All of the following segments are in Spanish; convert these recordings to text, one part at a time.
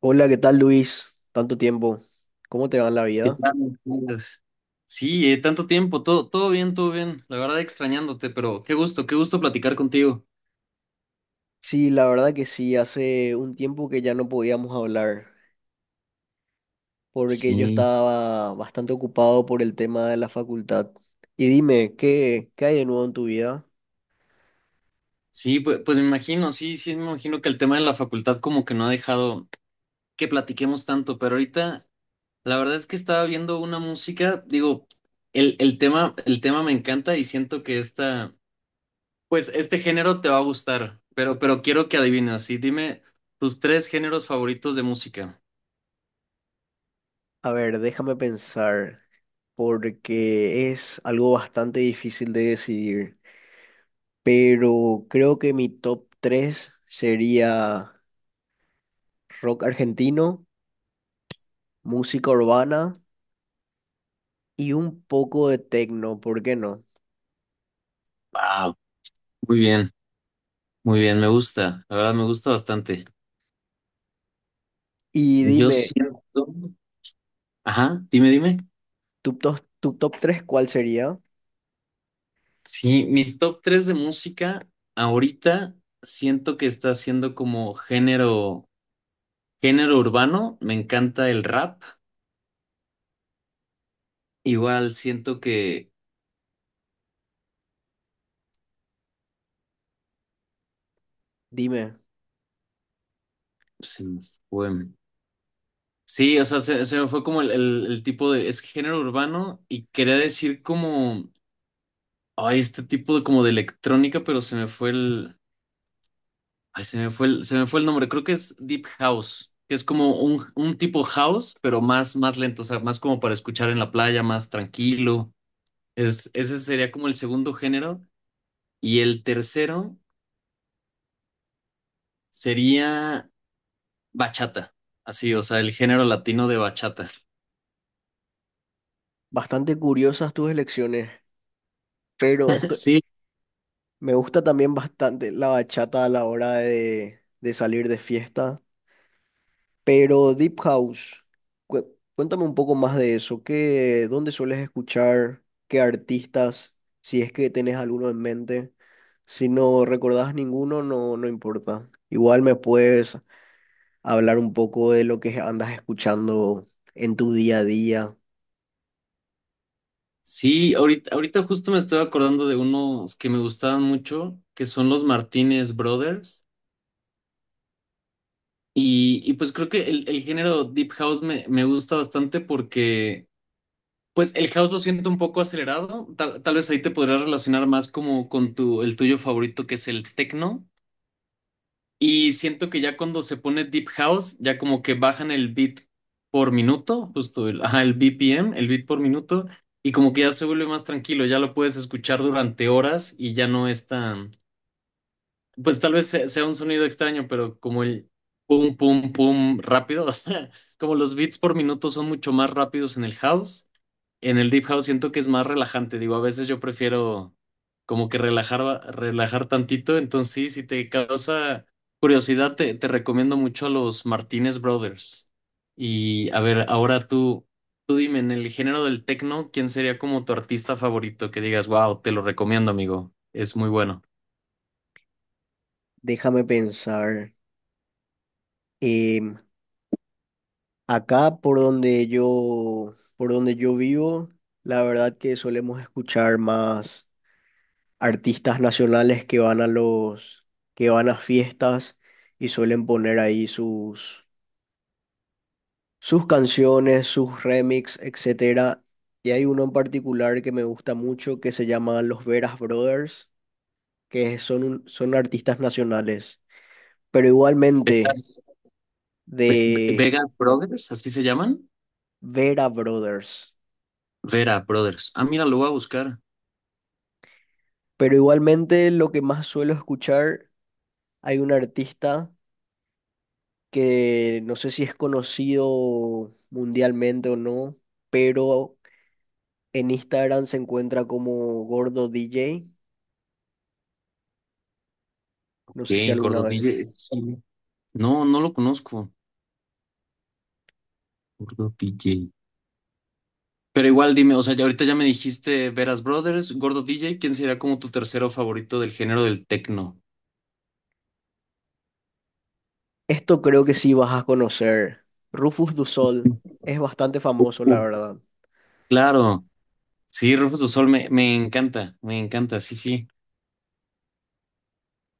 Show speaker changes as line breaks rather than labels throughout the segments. Hola, ¿qué tal, Luis? Tanto tiempo. ¿Cómo te va en la
¿Qué
vida?
tal, Carlos? Sí, tanto tiempo, todo bien, todo bien. La verdad extrañándote, pero qué gusto platicar contigo.
Sí, la verdad que sí, hace un tiempo que ya no podíamos hablar, porque yo
Sí,
estaba bastante ocupado por el tema de la facultad. Y dime, ¿qué hay de nuevo en tu vida?
sí, pues me imagino, sí, sí, me imagino que el tema de la facultad como que no ha dejado que platiquemos tanto, pero ahorita la verdad es que estaba viendo una música, digo, el tema me encanta y siento que pues este género te va a gustar, pero quiero que adivines, sí, dime tus tres géneros favoritos de música.
A ver, déjame pensar, porque es algo bastante difícil de decidir, pero creo que mi top 3 sería rock argentino, música urbana y un poco de techno. ¿Por qué no?
Wow, muy bien. Muy bien, me gusta, la verdad me gusta bastante.
Y
Yo
dime,
siento, ajá, dime, dime.
tu top tres, ¿cuál sería?
Sí, mi top 3 de música ahorita siento que está siendo como género urbano, me encanta el rap, igual siento que
Dime,
se me fue. Sí, o sea, se me fue como el tipo es género urbano y quería decir como, ay, este tipo de como de electrónica, pero se me fue el Ay, se me fue el nombre, creo que es Deep House, que es como un tipo house, pero más, más lento, o sea, más como para escuchar en la playa, más tranquilo. Ese sería como el segundo género. Y el tercero sería bachata, así, o sea, el género latino de bachata.
bastante curiosas tus elecciones, pero esto,
Sí,
me gusta también bastante la bachata a la hora de salir de fiesta, pero Deep House, cué- cuéntame un poco más de eso, ¿qué, dónde sueles escuchar? ¿Qué artistas? Si es que tenés alguno en mente, si no recordás ninguno, no, no importa. Igual me puedes hablar un poco de lo que andas escuchando en tu día a día.
sí, ahorita justo me estoy acordando de unos que me gustaban mucho, que son los Martínez Brothers. Y pues creo que el género Deep House me gusta bastante porque pues el house lo siento un poco acelerado. Tal vez ahí te podrías relacionar más como con el tuyo favorito, que es el techno. Y siento que ya cuando se pone deep house, ya como que bajan el beat por minuto, justo ajá, el BPM, el beat por minuto, y como que ya se vuelve más tranquilo, ya lo puedes escuchar durante horas y ya no es tan, pues tal vez sea un sonido extraño, pero como el pum, pum, pum rápido, o sea, como los beats por minuto son mucho más rápidos en el house en el Deep House siento que es más relajante, digo, a veces yo prefiero como que relajar tantito, entonces sí, si te causa curiosidad, te recomiendo mucho a los Martínez Brothers. Y a ver, ahora tú dime, en el género del techno, ¿quién sería como tu artista favorito que digas, wow, te lo recomiendo, amigo, es muy bueno?
Déjame pensar. Em, Acá por donde yo vivo, la verdad que solemos escuchar más artistas nacionales que van a que van a fiestas y suelen poner ahí sus canciones, sus remix, etcétera. Y hay uno en particular que me gusta mucho que se llama Los Veras Brothers, que son, son artistas nacionales. Pero igualmente
Vegas,
de
Vegas Brothers, ¿así se llaman?
Vera Brothers.
Vera Brothers. Ah, mira, lo voy a buscar.
Pero igualmente lo que más suelo escuchar, hay un artista que no sé si es conocido mundialmente o no, pero en Instagram se encuentra como Gordo DJ,
Ok,
no sé si alguna
Gordo
vez.
DJ. Sí. No lo conozco. Gordo DJ. Pero igual dime, o sea, ya ahorita ya me dijiste Veras Brothers, Gordo DJ, ¿quién sería como tu tercero favorito del género del tecno?
Esto creo que sí vas a conocer. Rufus Du Sol es bastante famoso,
Uh,
la verdad.
claro, sí, Rufus du Sol me encanta, me encanta, sí, sí.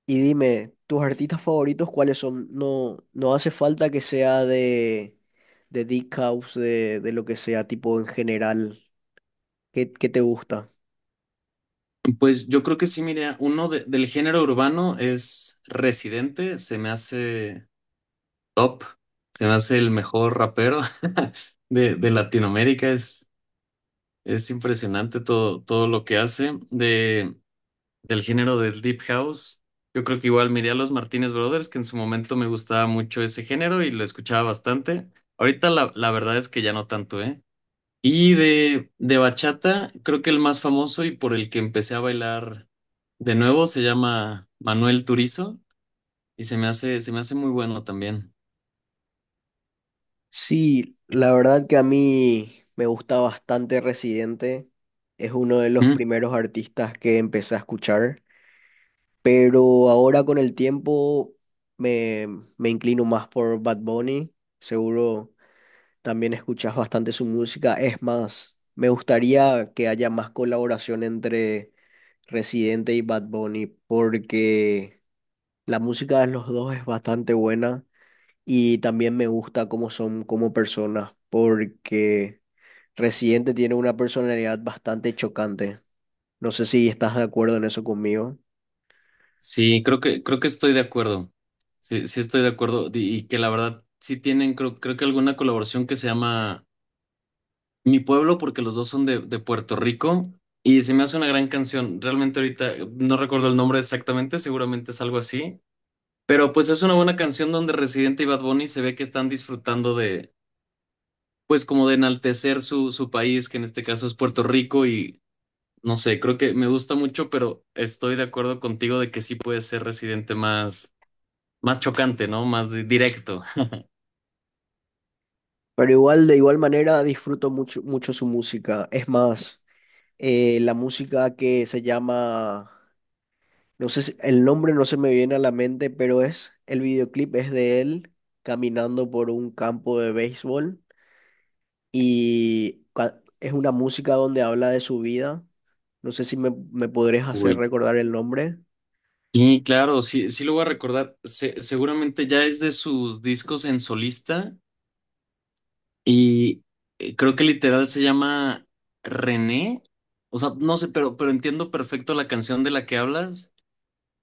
Y dime, ¿tus artistas favoritos cuáles son? No, no hace falta que sea de Deep House, de lo que sea, tipo en general. ¿Qué, qué te gusta?
Pues yo creo que sí, mira, uno del género urbano es Residente, se me hace top, se me hace el mejor rapero de Latinoamérica, es impresionante todo lo que hace. Del género del Deep House. Yo creo que igual miré a los Martínez Brothers, que en su momento me gustaba mucho ese género y lo escuchaba bastante. Ahorita la verdad es que ya no tanto, ¿eh? Y de bachata, creo que el más famoso y por el que empecé a bailar de nuevo se llama Manuel Turizo y se me hace muy bueno también.
Sí, la verdad que a mí me gusta bastante Residente. Es uno de los
Mm.
primeros artistas que empecé a escuchar, pero ahora con el tiempo me, me inclino más por Bad Bunny. Seguro también escuchas bastante su música. Es más, me gustaría que haya más colaboración entre Residente y Bad Bunny porque la música de los dos es bastante buena. Y también me gusta cómo son como personas, porque Residente tiene una personalidad bastante chocante. No sé si estás de acuerdo en eso conmigo,
Sí, creo que estoy de acuerdo. Sí, sí estoy de acuerdo. Y que la verdad sí tienen, creo que alguna colaboración que se llama Mi pueblo, porque los dos son de Puerto Rico y se me hace una gran canción. Realmente ahorita no recuerdo el nombre exactamente, seguramente es algo así, pero pues es una buena canción donde Residente y Bad Bunny se ve que están disfrutando de, pues como de enaltecer su país, que en este caso es Puerto Rico y no sé, creo que me gusta mucho, pero estoy de acuerdo contigo de que sí puede ser Residente más, más chocante, ¿no? Más directo.
pero igual, de igual manera, disfruto mucho, mucho su música. Es más, la música que se llama, no sé el nombre no se me viene a la mente, pero es, el videoclip es de él caminando por un campo de béisbol y es una música donde habla de su vida. No sé si me podrías hacer
Uy.
recordar el nombre.
Y claro, sí, sí lo voy a recordar. Seguramente ya es de sus discos en solista. Y creo que literal se llama René. O sea, no sé, pero entiendo perfecto la canción de la que hablas.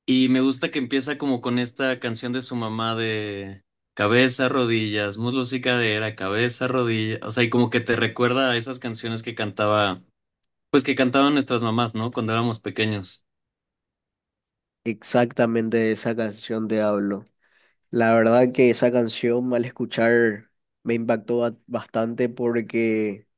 Y me gusta que empieza como con esta canción de su mamá de cabeza, rodillas, muslos y cadera, cabeza, rodilla. O sea, y como que te recuerda a esas canciones pues que cantaban nuestras mamás, ¿no? Cuando éramos pequeños.
Exactamente de esa canción te hablo. La verdad que esa canción al escuchar me impactó bastante porque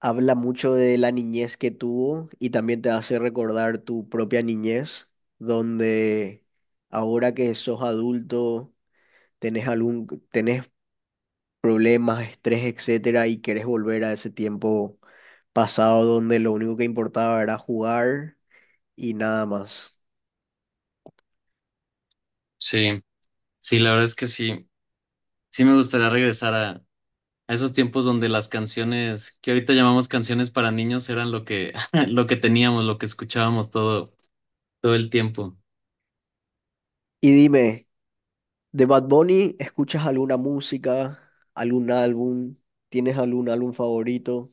habla mucho de la niñez que tuvo y también te hace recordar tu propia niñez, donde ahora que sos adulto, tenés algún, tenés problemas, estrés, etcétera, y querés volver a ese tiempo pasado donde lo único que importaba era jugar y nada más.
Sí, sí, la verdad es que sí. Sí me gustaría regresar a esos tiempos donde las canciones que ahorita llamamos canciones para niños eran lo que, lo que teníamos, lo que escuchábamos todo el tiempo.
Y dime, de Bad Bunny, ¿escuchas alguna música, algún álbum? ¿Tienes algún álbum favorito?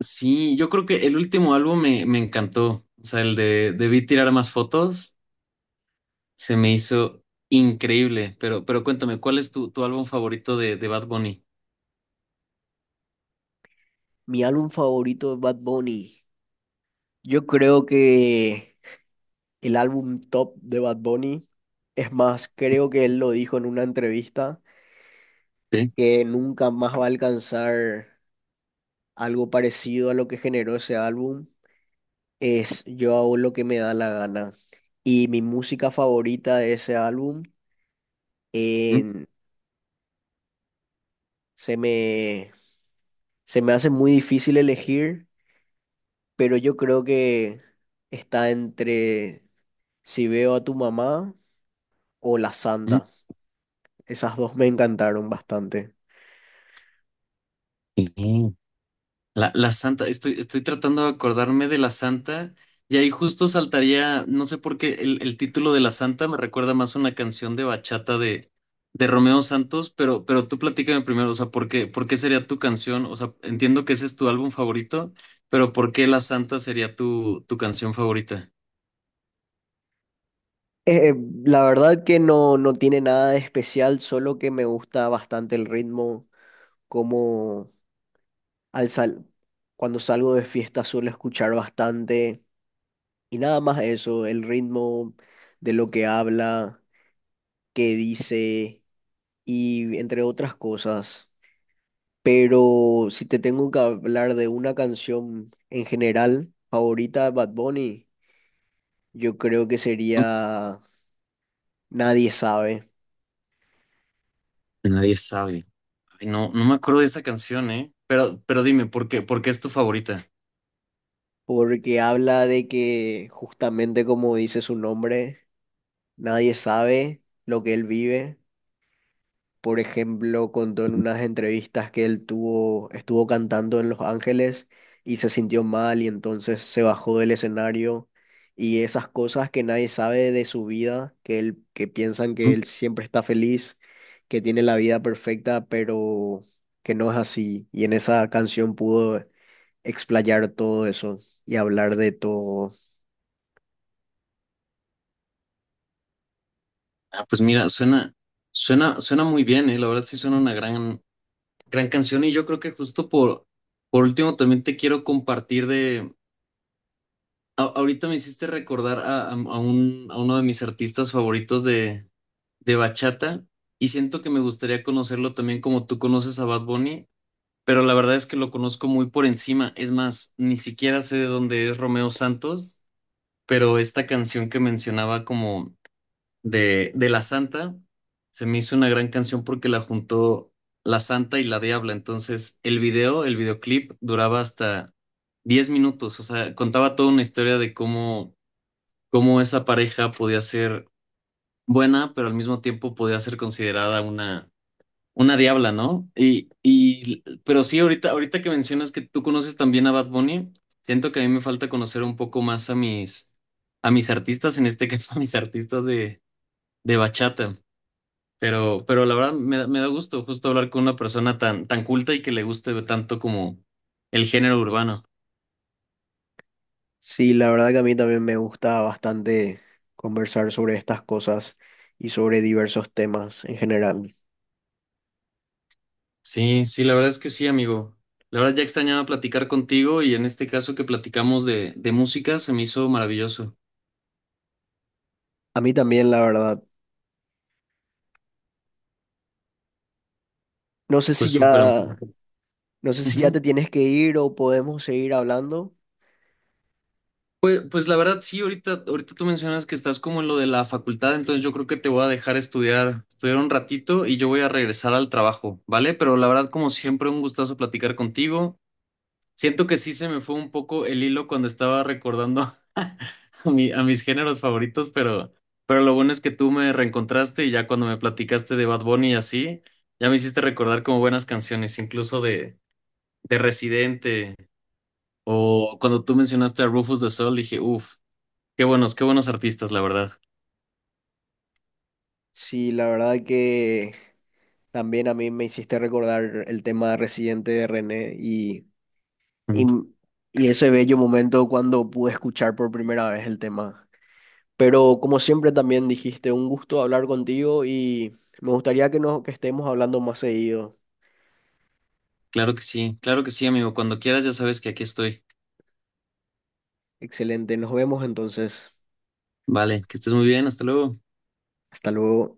Sí, yo creo que el último álbum me encantó. O sea, el de Debí tirar más fotos se me hizo increíble. Pero cuéntame, ¿cuál es tu álbum favorito de Bad Bunny?
Mi álbum favorito de Bad Bunny. Yo creo que el álbum top de Bad Bunny, es más, creo que él lo dijo en una entrevista,
Sí.
que nunca más va a alcanzar algo parecido a lo que generó ese álbum, es Yo hago lo que me da la gana. Y mi música favorita de ese álbum
Mm,
en, se me Se me hace muy difícil elegir, pero yo creo que está entre si veo a tu mamá o la
mm.
santa. Esas dos me encantaron bastante.
Sí. La santa, estoy tratando de acordarme de la santa y ahí justo saltaría, no sé por qué, el título de la santa me recuerda más a una canción de bachata de Romeo Santos, pero tú platícame primero, o sea, ¿por qué sería tu canción? O sea, entiendo que ese es tu álbum favorito, pero ¿por qué la santa sería tu canción favorita?
Eh, la verdad que no, no tiene nada de especial, solo que me gusta bastante el ritmo, como al sal cuando salgo de fiesta suelo escuchar bastante y nada más eso, el ritmo de lo que habla, qué dice y entre otras cosas. Pero si te tengo que hablar de una canción en general favorita de Bad Bunny, yo creo que sería Nadie sabe,
Nadie sabe. Ay, no, no me acuerdo de esa canción, ¿eh? Pero dime, ¿por qué es tu favorita?
porque habla de que, justamente como dice su nombre, nadie sabe lo que él vive. Por ejemplo, contó en unas entrevistas que estuvo cantando en Los Ángeles y se sintió mal y entonces se bajó del escenario y esas cosas que nadie sabe de su vida, que que piensan que
Mm.
él siempre está feliz, que tiene la vida perfecta, pero que no es así. Y en esa canción pudo explayar todo eso y hablar de todo.
Ah, pues mira, suena muy bien, ¿eh? La verdad sí suena una gran canción y yo creo que justo por último también te quiero compartir de, ahorita me hiciste recordar a uno de mis artistas favoritos de bachata y siento que me gustaría conocerlo también como tú conoces a Bad Bunny, pero la verdad es que lo conozco muy por encima, es más, ni siquiera sé de dónde es Romeo Santos, pero esta canción que mencionaba como de La Santa, se me hizo una gran canción porque la juntó La Santa y La Diabla. Entonces, el videoclip duraba hasta 10 minutos, o sea, contaba toda una historia de cómo esa pareja podía ser buena, pero al mismo tiempo podía ser considerada una diabla, ¿no? Pero sí, ahorita que mencionas que tú conoces también a Bad Bunny, siento que a mí me falta conocer un poco más a mis, artistas, en este caso a mis artistas de bachata. Pero la verdad me da gusto justo hablar con una persona tan culta y que le guste tanto como el género urbano.
Sí, la verdad que a mí también me gusta bastante conversar sobre estas cosas y sobre diversos temas en general.
Sí, sí, la verdad es que sí, amigo. La verdad ya extrañaba platicar contigo y en este caso que platicamos de música se me hizo maravilloso.
A mí también, la verdad. No sé si
Pues súper
ya,
amigo.
no sé si ya
Ujú.
te tienes que ir o podemos seguir hablando.
Pues la verdad sí, ahorita tú mencionas que estás como en lo de la facultad, entonces yo creo que te voy a dejar estudiar un ratito y yo voy a regresar al trabajo, ¿vale? Pero la verdad como siempre un gustazo platicar contigo. Siento que sí se me fue un poco el hilo cuando estaba recordando a, a mis géneros favoritos, pero lo bueno es que tú me reencontraste y ya cuando me platicaste de Bad Bunny y así, ya me hiciste recordar como buenas canciones, incluso de Residente o cuando tú mencionaste a Rufus de Sol, dije, uff, qué buenos artistas, la verdad.
Sí, la verdad que también a mí me hiciste recordar el tema residente de René y,
Mm.
y ese bello momento cuando pude escuchar por primera vez el tema. Pero como siempre también dijiste, un gusto hablar contigo y me gustaría que, que estemos hablando más seguido.
Claro que sí, amigo. Cuando quieras ya sabes que aquí estoy.
Excelente, nos vemos entonces.
Vale, que estés muy bien, hasta luego.
Hasta luego.